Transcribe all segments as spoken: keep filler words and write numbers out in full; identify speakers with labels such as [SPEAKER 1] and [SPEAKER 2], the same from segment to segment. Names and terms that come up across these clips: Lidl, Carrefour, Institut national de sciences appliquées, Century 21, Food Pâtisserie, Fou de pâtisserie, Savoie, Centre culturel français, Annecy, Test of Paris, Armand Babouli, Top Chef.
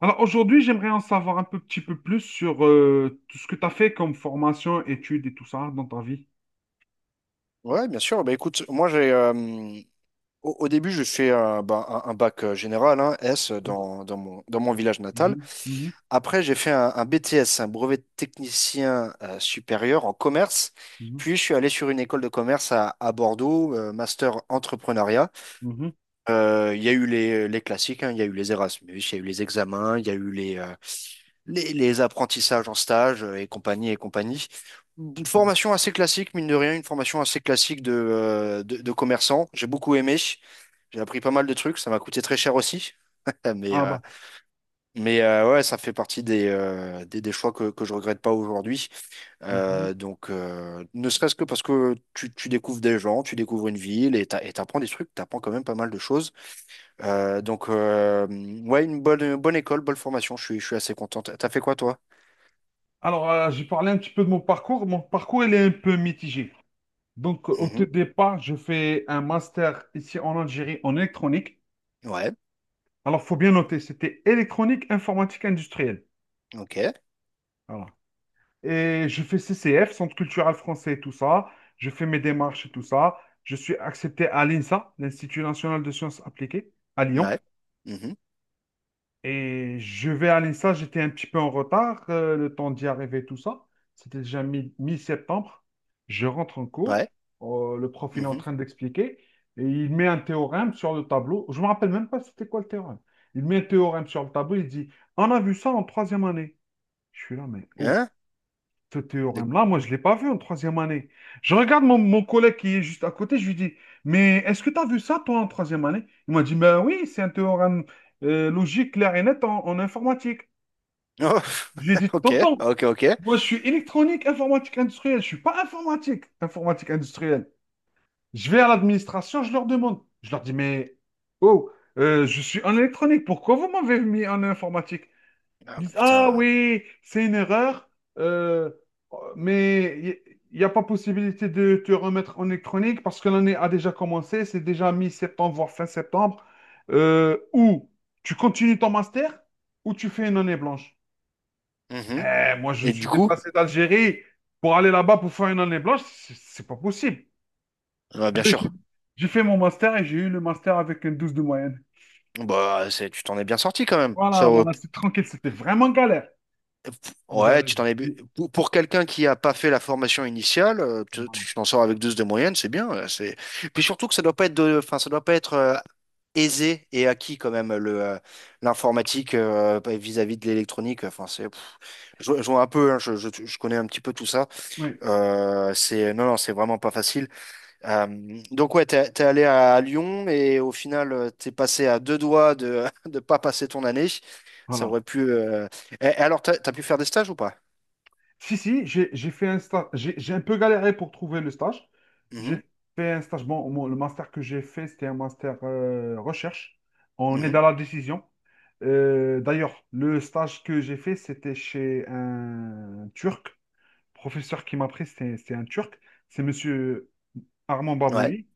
[SPEAKER 1] Alors aujourd'hui, j'aimerais en savoir un peu, petit peu plus sur euh, tout ce que tu as fait comme formation, études et tout ça dans ta vie.
[SPEAKER 2] Ouais, bien sûr. Bah, écoute, moi, j'ai, euh, au, au début, je fais euh, bah, un, un bac euh, général, hein, S, dans, dans mon, dans mon village natal.
[SPEAKER 1] Mhm, mhm,
[SPEAKER 2] Après, j'ai fait un, un B T S, un brevet de technicien euh, supérieur en commerce.
[SPEAKER 1] mhm,
[SPEAKER 2] Puis, je suis allé sur une école de commerce à, à Bordeaux, euh, master entrepreneuriat.
[SPEAKER 1] mhm,
[SPEAKER 2] Euh, Il y a eu les, les classiques, hein, il y a eu les Erasmus, il y a eu les examens, il y a eu les, euh, les, les apprentissages en stage euh, et compagnie et compagnie. Une
[SPEAKER 1] mhm.
[SPEAKER 2] formation assez classique, mine de rien, une formation assez classique de, euh, de, de commerçant. J'ai beaucoup aimé. J'ai appris pas mal de trucs. Ça m'a coûté très cher aussi. Mais,
[SPEAKER 1] Ah
[SPEAKER 2] euh,
[SPEAKER 1] bah.
[SPEAKER 2] mais euh, ouais, ça fait partie des, euh, des, des, choix que, que je regrette pas aujourd'hui.
[SPEAKER 1] Mhm.
[SPEAKER 2] Euh, donc, euh, ne serait-ce que parce que tu, tu découvres des gens, tu découvres une ville et t'a- et t'apprends des trucs, t'apprends quand même pas mal de choses. Euh, donc, euh, ouais, une bonne, une bonne école, bonne formation. Je suis, je suis assez contente. T'as fait quoi, toi?
[SPEAKER 1] Alors, euh, j'ai parlé un petit peu de mon parcours. Mon parcours, il est un peu mitigé. Donc, au tout
[SPEAKER 2] Mhm.
[SPEAKER 1] départ, je fais un master ici en Algérie en électronique.
[SPEAKER 2] Ouais.
[SPEAKER 1] Alors, faut bien noter, c'était électronique, informatique industrielle.
[SPEAKER 2] Ok,
[SPEAKER 1] Voilà. Et je fais C C F, Centre culturel français et tout ça. Je fais mes démarches et tout ça. Je suis accepté à l'INSA, l'Institut national de sciences appliquées, à Lyon.
[SPEAKER 2] ouais, mhm,
[SPEAKER 1] Et je vais à l'INSA, j'étais un petit peu en retard, euh, le temps d'y arriver, tout ça. C'était déjà mi- mi-septembre. Je rentre en cours,
[SPEAKER 2] ouais,
[SPEAKER 1] euh, le prof il est en
[SPEAKER 2] mhm,
[SPEAKER 1] train d'expliquer, et il met un théorème sur le tableau. Je ne me rappelle même pas c'était quoi le théorème. Il met un théorème sur le tableau, il dit, on a vu ça en troisième année. Je suis là, mais oh,
[SPEAKER 2] hein,
[SPEAKER 1] ce
[SPEAKER 2] de-
[SPEAKER 1] théorème-là, moi, je ne l'ai pas vu en troisième année. Je regarde mon, mon collègue qui est juste à côté, je lui dis, mais est-ce que tu as vu ça, toi, en troisième année? Il m'a dit, ben oui, c'est un théorème euh, logique, clair et net en, en informatique.
[SPEAKER 2] oh,
[SPEAKER 1] Je lui ai dit,
[SPEAKER 2] ok,
[SPEAKER 1] tonton,
[SPEAKER 2] ok, ok.
[SPEAKER 1] moi, je suis électronique, informatique industrielle, je ne suis pas informatique, informatique industrielle. Je vais à l'administration, je leur demande. Je leur dis, mais oh, euh, je suis en électronique, pourquoi vous m'avez mis en informatique?
[SPEAKER 2] Ah,
[SPEAKER 1] Ils
[SPEAKER 2] bah,
[SPEAKER 1] disent, ah
[SPEAKER 2] putain,
[SPEAKER 1] oui, c'est une erreur, euh, mais il n'y a pas possibilité de te remettre en électronique parce que l'année a déjà commencé, c'est déjà mi-septembre, voire fin septembre. Euh, ou tu continues ton master ou tu fais une année blanche.
[SPEAKER 2] mhm.
[SPEAKER 1] Eh, moi, je me
[SPEAKER 2] Et du
[SPEAKER 1] suis
[SPEAKER 2] coup,
[SPEAKER 1] déplacé d'Algérie pour aller là-bas pour faire une année blanche, c'est c'est pas possible.
[SPEAKER 2] ah,
[SPEAKER 1] Eh
[SPEAKER 2] bien
[SPEAKER 1] ben, j'ai
[SPEAKER 2] sûr,
[SPEAKER 1] j'ai fait mon master et j'ai eu le master avec un douze de moyenne.
[SPEAKER 2] bah c'est, tu t'en es bien sorti quand même. Ça,
[SPEAKER 1] Voilà,
[SPEAKER 2] euh,
[SPEAKER 1] voilà,
[SPEAKER 2] p-
[SPEAKER 1] c'est tranquille, c'était vraiment galère.
[SPEAKER 2] p- ouais,
[SPEAKER 1] J'a-
[SPEAKER 2] tu t'en es bu-
[SPEAKER 1] j'-
[SPEAKER 2] pour, pour quelqu'un qui a pas fait la formation initiale, euh, tu
[SPEAKER 1] voilà.
[SPEAKER 2] tu t'en sors avec douze de moyenne, c'est bien. euh, C'est puis surtout que ça doit pas être de, enfin ça doit pas être euh, aisé et acquis quand même le euh, l'informatique euh, vis-à-vis de l'électronique. Enfin c'est, pff, je, je vois un peu, hein, je, je je connais un petit peu tout ça.
[SPEAKER 1] Oui,
[SPEAKER 2] Euh, c'est non, non, c'est vraiment pas facile. Euh, donc ouais, t'es, t'es allé à Lyon et au final, euh, t'es passé à deux doigts de de pas passer ton année. Ça
[SPEAKER 1] voilà.
[SPEAKER 2] aurait pu. euh, et- et alors, t'as, t'as pu faire des stages ou pas?
[SPEAKER 1] Si, si, j'ai j'ai fait un stage. J'ai j'ai un peu galéré pour trouver le stage. J'ai
[SPEAKER 2] Mhm,
[SPEAKER 1] fait un stage. Bon, mon- le master que j'ai fait, c'était un master euh, recherche. On est
[SPEAKER 2] mhm,
[SPEAKER 1] dans la décision. Euh, d'ailleurs, le stage que j'ai fait, c'était chez un Turc. Le professeur qui m'a pris, c'était c'était un Turc. C'est monsieur Armand
[SPEAKER 2] ouais.
[SPEAKER 1] Babouli.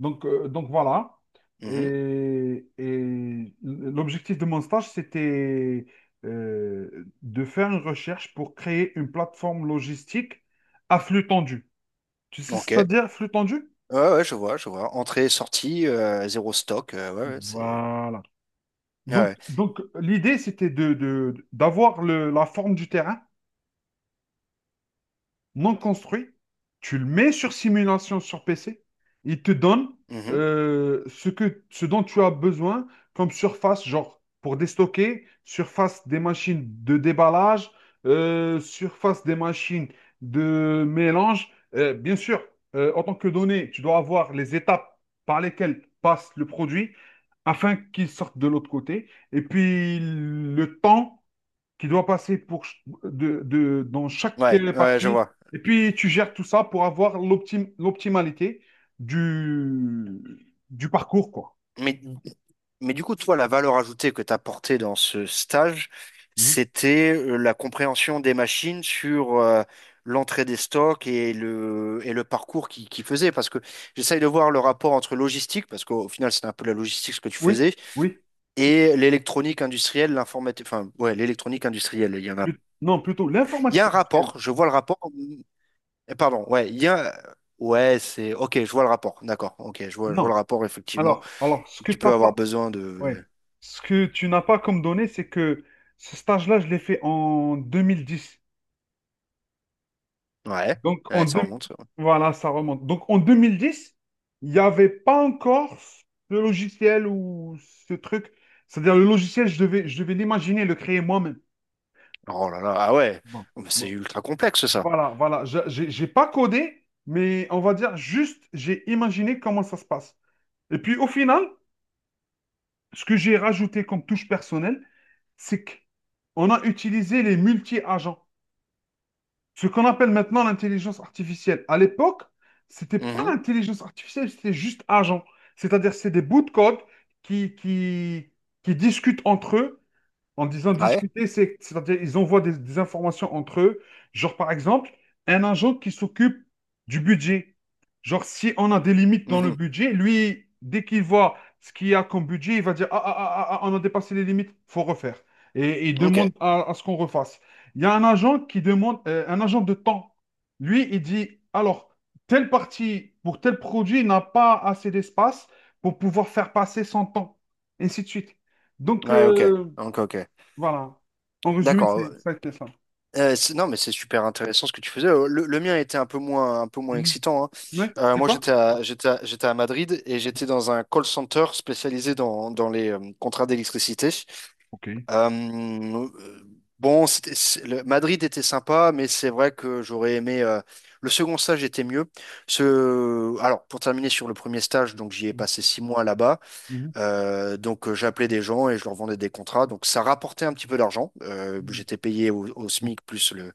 [SPEAKER 1] Donc, euh, donc voilà.
[SPEAKER 2] Mhm,
[SPEAKER 1] Et, et l'objectif de mon stage, c'était euh, de faire une recherche pour créer une plateforme logistique à flux tendu. Tu sais ce
[SPEAKER 2] ok.
[SPEAKER 1] que ça veut dire, flux tendu?
[SPEAKER 2] Ouais, ouais, je vois, je vois. Entrée, sortie, euh, zéro stock. Euh, ouais, ouais, c'est.
[SPEAKER 1] Voilà.
[SPEAKER 2] Ouais,
[SPEAKER 1] Donc,
[SPEAKER 2] ouais,
[SPEAKER 1] donc l'idée, c'était de, de- d'avoir le- la forme du terrain non construit, tu le mets sur simulation sur P C, il te donne
[SPEAKER 2] mhm,
[SPEAKER 1] euh, ce que, ce dont tu as besoin comme surface, genre pour déstocker, surface des machines de déballage, euh, surface des machines de mélange. Euh, bien sûr, euh, en tant que données, tu dois avoir les étapes par lesquelles passe le produit afin qu'il sorte de l'autre côté. Et puis le temps qui doit passer pour, ch- de, de- dans chaque
[SPEAKER 2] ouais,
[SPEAKER 1] euh,
[SPEAKER 2] ouais, je
[SPEAKER 1] partie.
[SPEAKER 2] vois.
[SPEAKER 1] Et puis, tu gères tout ça pour avoir l'optim- l'optimalité du, du parcours, quoi.
[SPEAKER 2] Mais Mais du coup, toi, la valeur ajoutée que tu as apportée dans ce stage,
[SPEAKER 1] Mhm.
[SPEAKER 2] c'était euh, la compréhension des machines sur euh, l'entrée des stocks et le, et le parcours qui qui faisait. Parce que j'essaye de voir le rapport entre logistique, parce qu'au final, c'était un peu la logistique ce que tu
[SPEAKER 1] Oui,
[SPEAKER 2] faisais,
[SPEAKER 1] oui.
[SPEAKER 2] et l'électronique industrielle, l'informatique, enfin, ouais, l'électronique industrielle. Il y en a.
[SPEAKER 1] Plut- Non, plutôt
[SPEAKER 2] Il y a
[SPEAKER 1] l'informatique
[SPEAKER 2] un
[SPEAKER 1] industrielle.
[SPEAKER 2] rapport, je vois le rapport. euh, Eh, pardon, ouais, il y a. Ouais, c'est. Ok, je vois le rapport, d'accord. Ok, je vois, je vois
[SPEAKER 1] Non.
[SPEAKER 2] le rapport, effectivement.
[SPEAKER 1] Alors, alors, ce que
[SPEAKER 2] Tu
[SPEAKER 1] t'as
[SPEAKER 2] peux avoir
[SPEAKER 1] pas,
[SPEAKER 2] besoin de.
[SPEAKER 1] ouais. Ce que tu n'as pas comme données, c'est que ce stage-là, je l'ai fait en deux mille dix.
[SPEAKER 2] Ouais,
[SPEAKER 1] Donc, en
[SPEAKER 2] ouais, ça
[SPEAKER 1] deux-
[SPEAKER 2] remonte.
[SPEAKER 1] voilà, ça remonte. Donc, en deux mille dix, il n'y avait pas encore le logiciel ou ce truc. C'est-à-dire, le logiciel, je devais, je devais l'imaginer, le créer moi-même.
[SPEAKER 2] Oh là là, ah ouais,
[SPEAKER 1] Bon,
[SPEAKER 2] oh, mais c'est
[SPEAKER 1] bon.
[SPEAKER 2] ultra complexe ça.
[SPEAKER 1] Voilà, voilà. Je- J'ai j'ai pas codé, mais on va dire juste, j'ai imaginé comment ça se passe. Et puis, au final, ce que j'ai rajouté comme touche personnelle, c'est qu'on a utilisé les multi-agents. Ce qu'on appelle maintenant l'intelligence artificielle. À l'époque, c'était pas
[SPEAKER 2] Mhm.
[SPEAKER 1] intelligence artificielle, c'était juste agent. C'est-à-dire, c'est des bouts de code qui, qui, qui discutent entre eux en disant
[SPEAKER 2] Ouais.
[SPEAKER 1] discuter, c'est, c'est-à-dire ils envoient des, des informations entre eux. Genre, par exemple, un agent qui s'occupe du budget. Genre, si on a des limites dans le
[SPEAKER 2] Mhm.
[SPEAKER 1] budget, lui, dès qu'il voit ce qu'il y a comme budget, il va dire, ah, ah, ah, ah, ah, on a dépassé les limites, faut refaire. Et il
[SPEAKER 2] Ok.
[SPEAKER 1] demande à, à ce qu'on refasse. Il y a un agent qui demande, euh, un agent de temps. Lui, il dit, alors, telle partie pour tel produit n'a pas assez d'espace pour pouvoir faire passer son temps, et ainsi de suite. Donc,
[SPEAKER 2] Ouais, ok.
[SPEAKER 1] euh,
[SPEAKER 2] Ok, ok.
[SPEAKER 1] voilà. En résumé,
[SPEAKER 2] D'accord.
[SPEAKER 1] c'est ça qui est ça.
[SPEAKER 2] Euh, c'est- non, mais c'est super intéressant ce que tu faisais. Euh, Le, le mien était un peu moins, un peu moins
[SPEAKER 1] Mhm.
[SPEAKER 2] excitant, hein.
[SPEAKER 1] Ouais,
[SPEAKER 2] Euh,
[SPEAKER 1] c'était
[SPEAKER 2] moi,
[SPEAKER 1] quoi?
[SPEAKER 2] j'étais à, j'étais à, j'étais à Madrid et j'étais dans un call center spécialisé dans, dans les euh, contrats d'électricité.
[SPEAKER 1] Ok.
[SPEAKER 2] Euh, euh, bon, c'était- c'est- le- Madrid était sympa, mais c'est vrai que j'aurais aimé. Euh, le second stage était mieux. Ce, alors, pour terminer sur le premier stage, donc j'y ai passé six mois là-bas.
[SPEAKER 1] Mhm.
[SPEAKER 2] Euh, donc, euh, j'appelais des gens et je leur vendais des contrats. Donc, ça rapportait un petit peu d'argent. Euh, j'étais payé au, au
[SPEAKER 1] Mhm.
[SPEAKER 2] S M I C plus le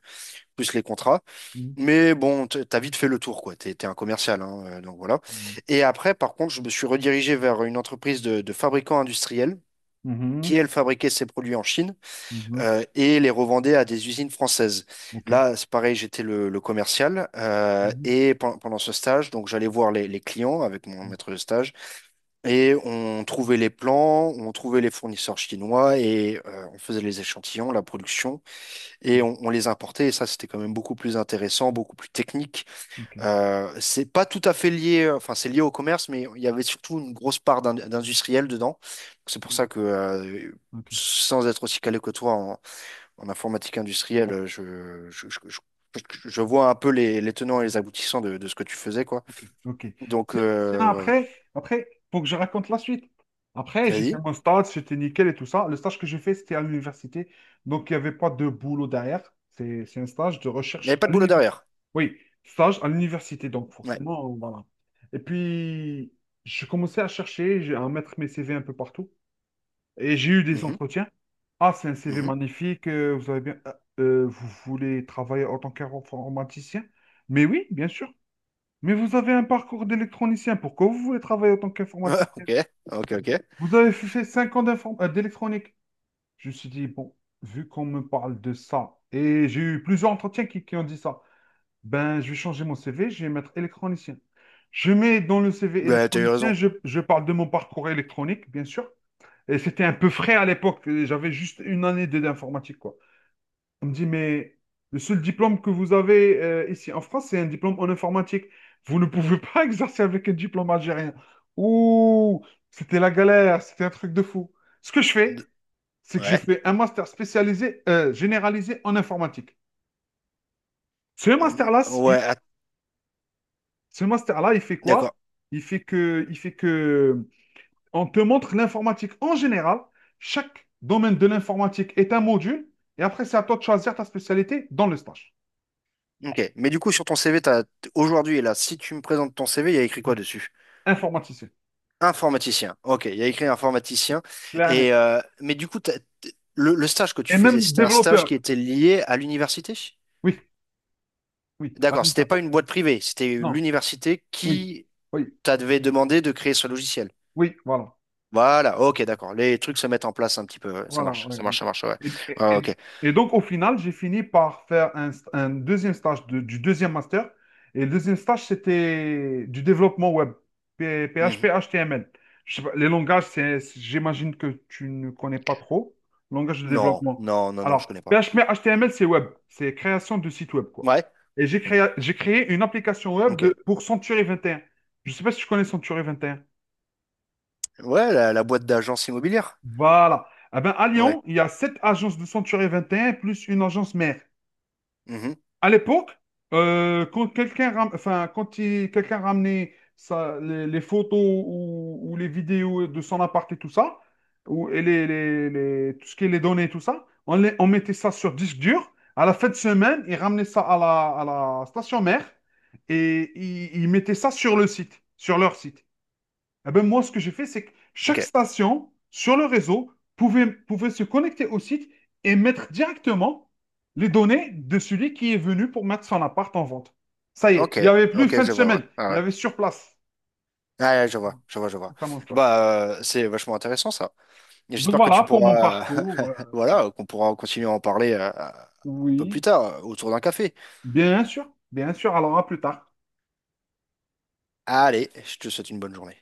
[SPEAKER 2] plus les contrats.
[SPEAKER 1] Mhm.
[SPEAKER 2] Mais bon, t- t'as vite fait le tour, quoi. T'es, t'es un commercial, hein, euh, donc voilà. Et après, par contre, je me suis redirigé vers une entreprise de, de fabricants industriels
[SPEAKER 1] Ok. Mhm. Mhm.
[SPEAKER 2] qui, elle, fabriquait ses produits en Chine
[SPEAKER 1] Mhm.
[SPEAKER 2] euh, et les revendait à des usines françaises.
[SPEAKER 1] Ok.
[SPEAKER 2] Là, c'est pareil, j'étais le, le commercial euh,
[SPEAKER 1] Mhm.
[SPEAKER 2] et pen- pendant ce stage, donc j'allais voir les, les clients avec mon
[SPEAKER 1] Mhm.
[SPEAKER 2] maître de stage et on trouvait les plans, on trouvait les fournisseurs chinois et euh, on faisait les échantillons, la production et on, on les importait. Et ça, c'était quand même beaucoup plus intéressant, beaucoup plus technique.
[SPEAKER 1] Ok.
[SPEAKER 2] Euh, c'est pas tout à fait lié, enfin c'est lié au commerce, mais il y avait surtout une grosse part d'in- d'industriel dedans. C'est pour
[SPEAKER 1] Mhm.
[SPEAKER 2] ça que euh, sans être aussi calé que toi en informatique industrielle, euh, je, je, je- je- je vois un peu les, les tenants
[SPEAKER 1] Ok.
[SPEAKER 2] et les aboutissants de, de ce que tu faisais, quoi.
[SPEAKER 1] Ok, ok.
[SPEAKER 2] Donc,
[SPEAKER 1] Sin- Sinon,
[SPEAKER 2] euh, ouais, ouais.
[SPEAKER 1] après, après, faut que je raconte la suite. Après, j'ai fait
[SPEAKER 2] Vas-y.
[SPEAKER 1] mon stage, c'était nickel et tout ça. Le stage que j'ai fait, c'était à l'université. Donc, il n'y avait pas de boulot derrière. C'est, c'est un stage de
[SPEAKER 2] Il n'y
[SPEAKER 1] recherche
[SPEAKER 2] avait pas
[SPEAKER 1] à
[SPEAKER 2] de boulot
[SPEAKER 1] l'université.
[SPEAKER 2] derrière.
[SPEAKER 1] Oui, stage à l'université. Donc,
[SPEAKER 2] Ouais.
[SPEAKER 1] forcément, voilà. Et puis, je commençais à chercher, j'ai- à mettre mes C V un peu partout. Et j'ai eu des
[SPEAKER 2] Mhm,
[SPEAKER 1] entretiens. Ah, c'est un C V
[SPEAKER 2] mhm.
[SPEAKER 1] magnifique. euh, Vous avez bien, euh, euh, vous voulez travailler en tant qu'informaticien? Mais oui, bien sûr. Mais vous avez un parcours d'électronicien. Pourquoi vous voulez travailler en tant
[SPEAKER 2] Ouais,
[SPEAKER 1] qu'informaticien?
[SPEAKER 2] ok, ok, ok.
[SPEAKER 1] Vous avez fait cinq ans d'inform- euh, d'électronique. Je me suis dit, bon, vu qu'on me parle de ça, et j'ai eu plusieurs entretiens qui, qui ont dit ça, ben, je vais changer mon C V, je vais mettre électronicien. Je mets dans le C V
[SPEAKER 2] Bah, t'as eu
[SPEAKER 1] électronicien,
[SPEAKER 2] raison.
[SPEAKER 1] je, je parle de mon parcours électronique, bien sûr. Et c'était un peu frais à l'époque. J'avais juste une année de- d'informatique, quoi. On me dit, mais le seul diplôme que vous avez euh, ici en France, c'est un diplôme en informatique. Vous ne pouvez pas exercer avec un diplôme algérien. Ouh, c'était la galère, c'était un truc de fou. Ce que je
[SPEAKER 2] D-
[SPEAKER 1] fais, c'est que je
[SPEAKER 2] Ouais.
[SPEAKER 1] fais un master spécialisé, euh, généralisé en informatique. Ce
[SPEAKER 2] Hum,
[SPEAKER 1] master-là,
[SPEAKER 2] ouais,
[SPEAKER 1] il,
[SPEAKER 2] att-
[SPEAKER 1] ce master-là, il fait quoi?
[SPEAKER 2] d'accord.
[SPEAKER 1] Il fait que, il fait que on te montre l'informatique en général. Chaque domaine de l'informatique est un module. Et après, c'est à toi de choisir ta spécialité dans le stage.
[SPEAKER 2] Ok. Mais du coup, sur ton C V, t'as, t- aujourd'hui, là, si tu me présentes ton C V, il y a écrit quoi dessus?
[SPEAKER 1] Informaticien.
[SPEAKER 2] Informaticien. Ok, il y a écrit informaticien.
[SPEAKER 1] Clair et net.
[SPEAKER 2] Et, euh, mais du coup, t'as- t- le, le stage que tu
[SPEAKER 1] Et
[SPEAKER 2] faisais,
[SPEAKER 1] même
[SPEAKER 2] c'était un stage
[SPEAKER 1] développeur.
[SPEAKER 2] qui était lié à l'université?
[SPEAKER 1] Oui, oui,
[SPEAKER 2] D'accord,
[SPEAKER 1] allez,
[SPEAKER 2] c'était
[SPEAKER 1] ça.
[SPEAKER 2] pas une boîte privée, c'était
[SPEAKER 1] Non,
[SPEAKER 2] l'université
[SPEAKER 1] oui,
[SPEAKER 2] qui
[SPEAKER 1] oui,
[SPEAKER 2] t'a devait demander de créer ce logiciel.
[SPEAKER 1] oui, voilà.
[SPEAKER 2] Voilà, ok, d'accord. Les trucs se mettent en place un petit peu. Ouais. Ça
[SPEAKER 1] Voilà,
[SPEAKER 2] marche,
[SPEAKER 1] ouais,
[SPEAKER 2] ça
[SPEAKER 1] ouais.
[SPEAKER 2] marche, ça marche, ouais.
[SPEAKER 1] Et, et-
[SPEAKER 2] Ouais,
[SPEAKER 1] et-
[SPEAKER 2] ok.
[SPEAKER 1] et donc, au final, j'ai fini par faire un, st- un deuxième stage de- du deuxième master. Et le deuxième stage, c'était du développement web, P- PHP,
[SPEAKER 2] Mhm.
[SPEAKER 1] H T M L. Je sais pas, les langages, c'est, c'est- j'imagine que tu ne connais pas trop. Langage de
[SPEAKER 2] Non,
[SPEAKER 1] développement.
[SPEAKER 2] non, non, non, je
[SPEAKER 1] Alors,
[SPEAKER 2] connais pas.
[SPEAKER 1] P H P, H T M L, c'est web. C'est création de site web, quoi.
[SPEAKER 2] Ouais,
[SPEAKER 1] Et j'ai créé, j'ai créé une application web
[SPEAKER 2] ok.
[SPEAKER 1] de, pour Century vingt et un. Je ne sais pas si tu connais Century vingt et un.
[SPEAKER 2] Ouais, la, la boîte d'agence immobilière.
[SPEAKER 1] Voilà. Eh ben, à
[SPEAKER 2] Ouais.
[SPEAKER 1] Lyon, il y a sept agences de Century vingt et un plus une agence mère.
[SPEAKER 2] Mhm.
[SPEAKER 1] À l'époque, euh, quand quelqu'un ram- enfin, quand il- quelqu'un ramenait sa- les, les photos ou, ou les vidéos de son appart et tout ça, ou, et les, les- les- tout ce qui est les données et tout ça, on, les- on mettait ça sur disque dur. À la fin de semaine, il ramenait ça à la, à la station mère et il, il mettait ça sur le site, sur leur site. Eh ben, moi, ce que j'ai fait, c'est que
[SPEAKER 2] Ok,
[SPEAKER 1] chaque station sur le réseau pouvait, pouvait se connecter au site et mettre directement les données de celui qui est venu pour mettre son appart en vente. Ça y est,
[SPEAKER 2] ok,
[SPEAKER 1] il n'y avait plus
[SPEAKER 2] ok,
[SPEAKER 1] fin de
[SPEAKER 2] je vois, ouais.
[SPEAKER 1] semaine,
[SPEAKER 2] Ah
[SPEAKER 1] il y
[SPEAKER 2] ouais.
[SPEAKER 1] avait sur place.
[SPEAKER 2] Ah, ouais, je vois, je vois, je vois.
[SPEAKER 1] C'est pas mon stage.
[SPEAKER 2] Bah, euh, c'est vachement intéressant ça. Et
[SPEAKER 1] Donc
[SPEAKER 2] j'espère que
[SPEAKER 1] voilà
[SPEAKER 2] tu
[SPEAKER 1] pour mon
[SPEAKER 2] pourras,
[SPEAKER 1] parcours. euh,
[SPEAKER 2] voilà, qu'on pourra continuer à en parler euh, un peu plus
[SPEAKER 1] oui,
[SPEAKER 2] tard euh, autour d'un café.
[SPEAKER 1] bien sûr, bien sûr. Alors à plus tard.
[SPEAKER 2] Allez, je te souhaite une bonne journée.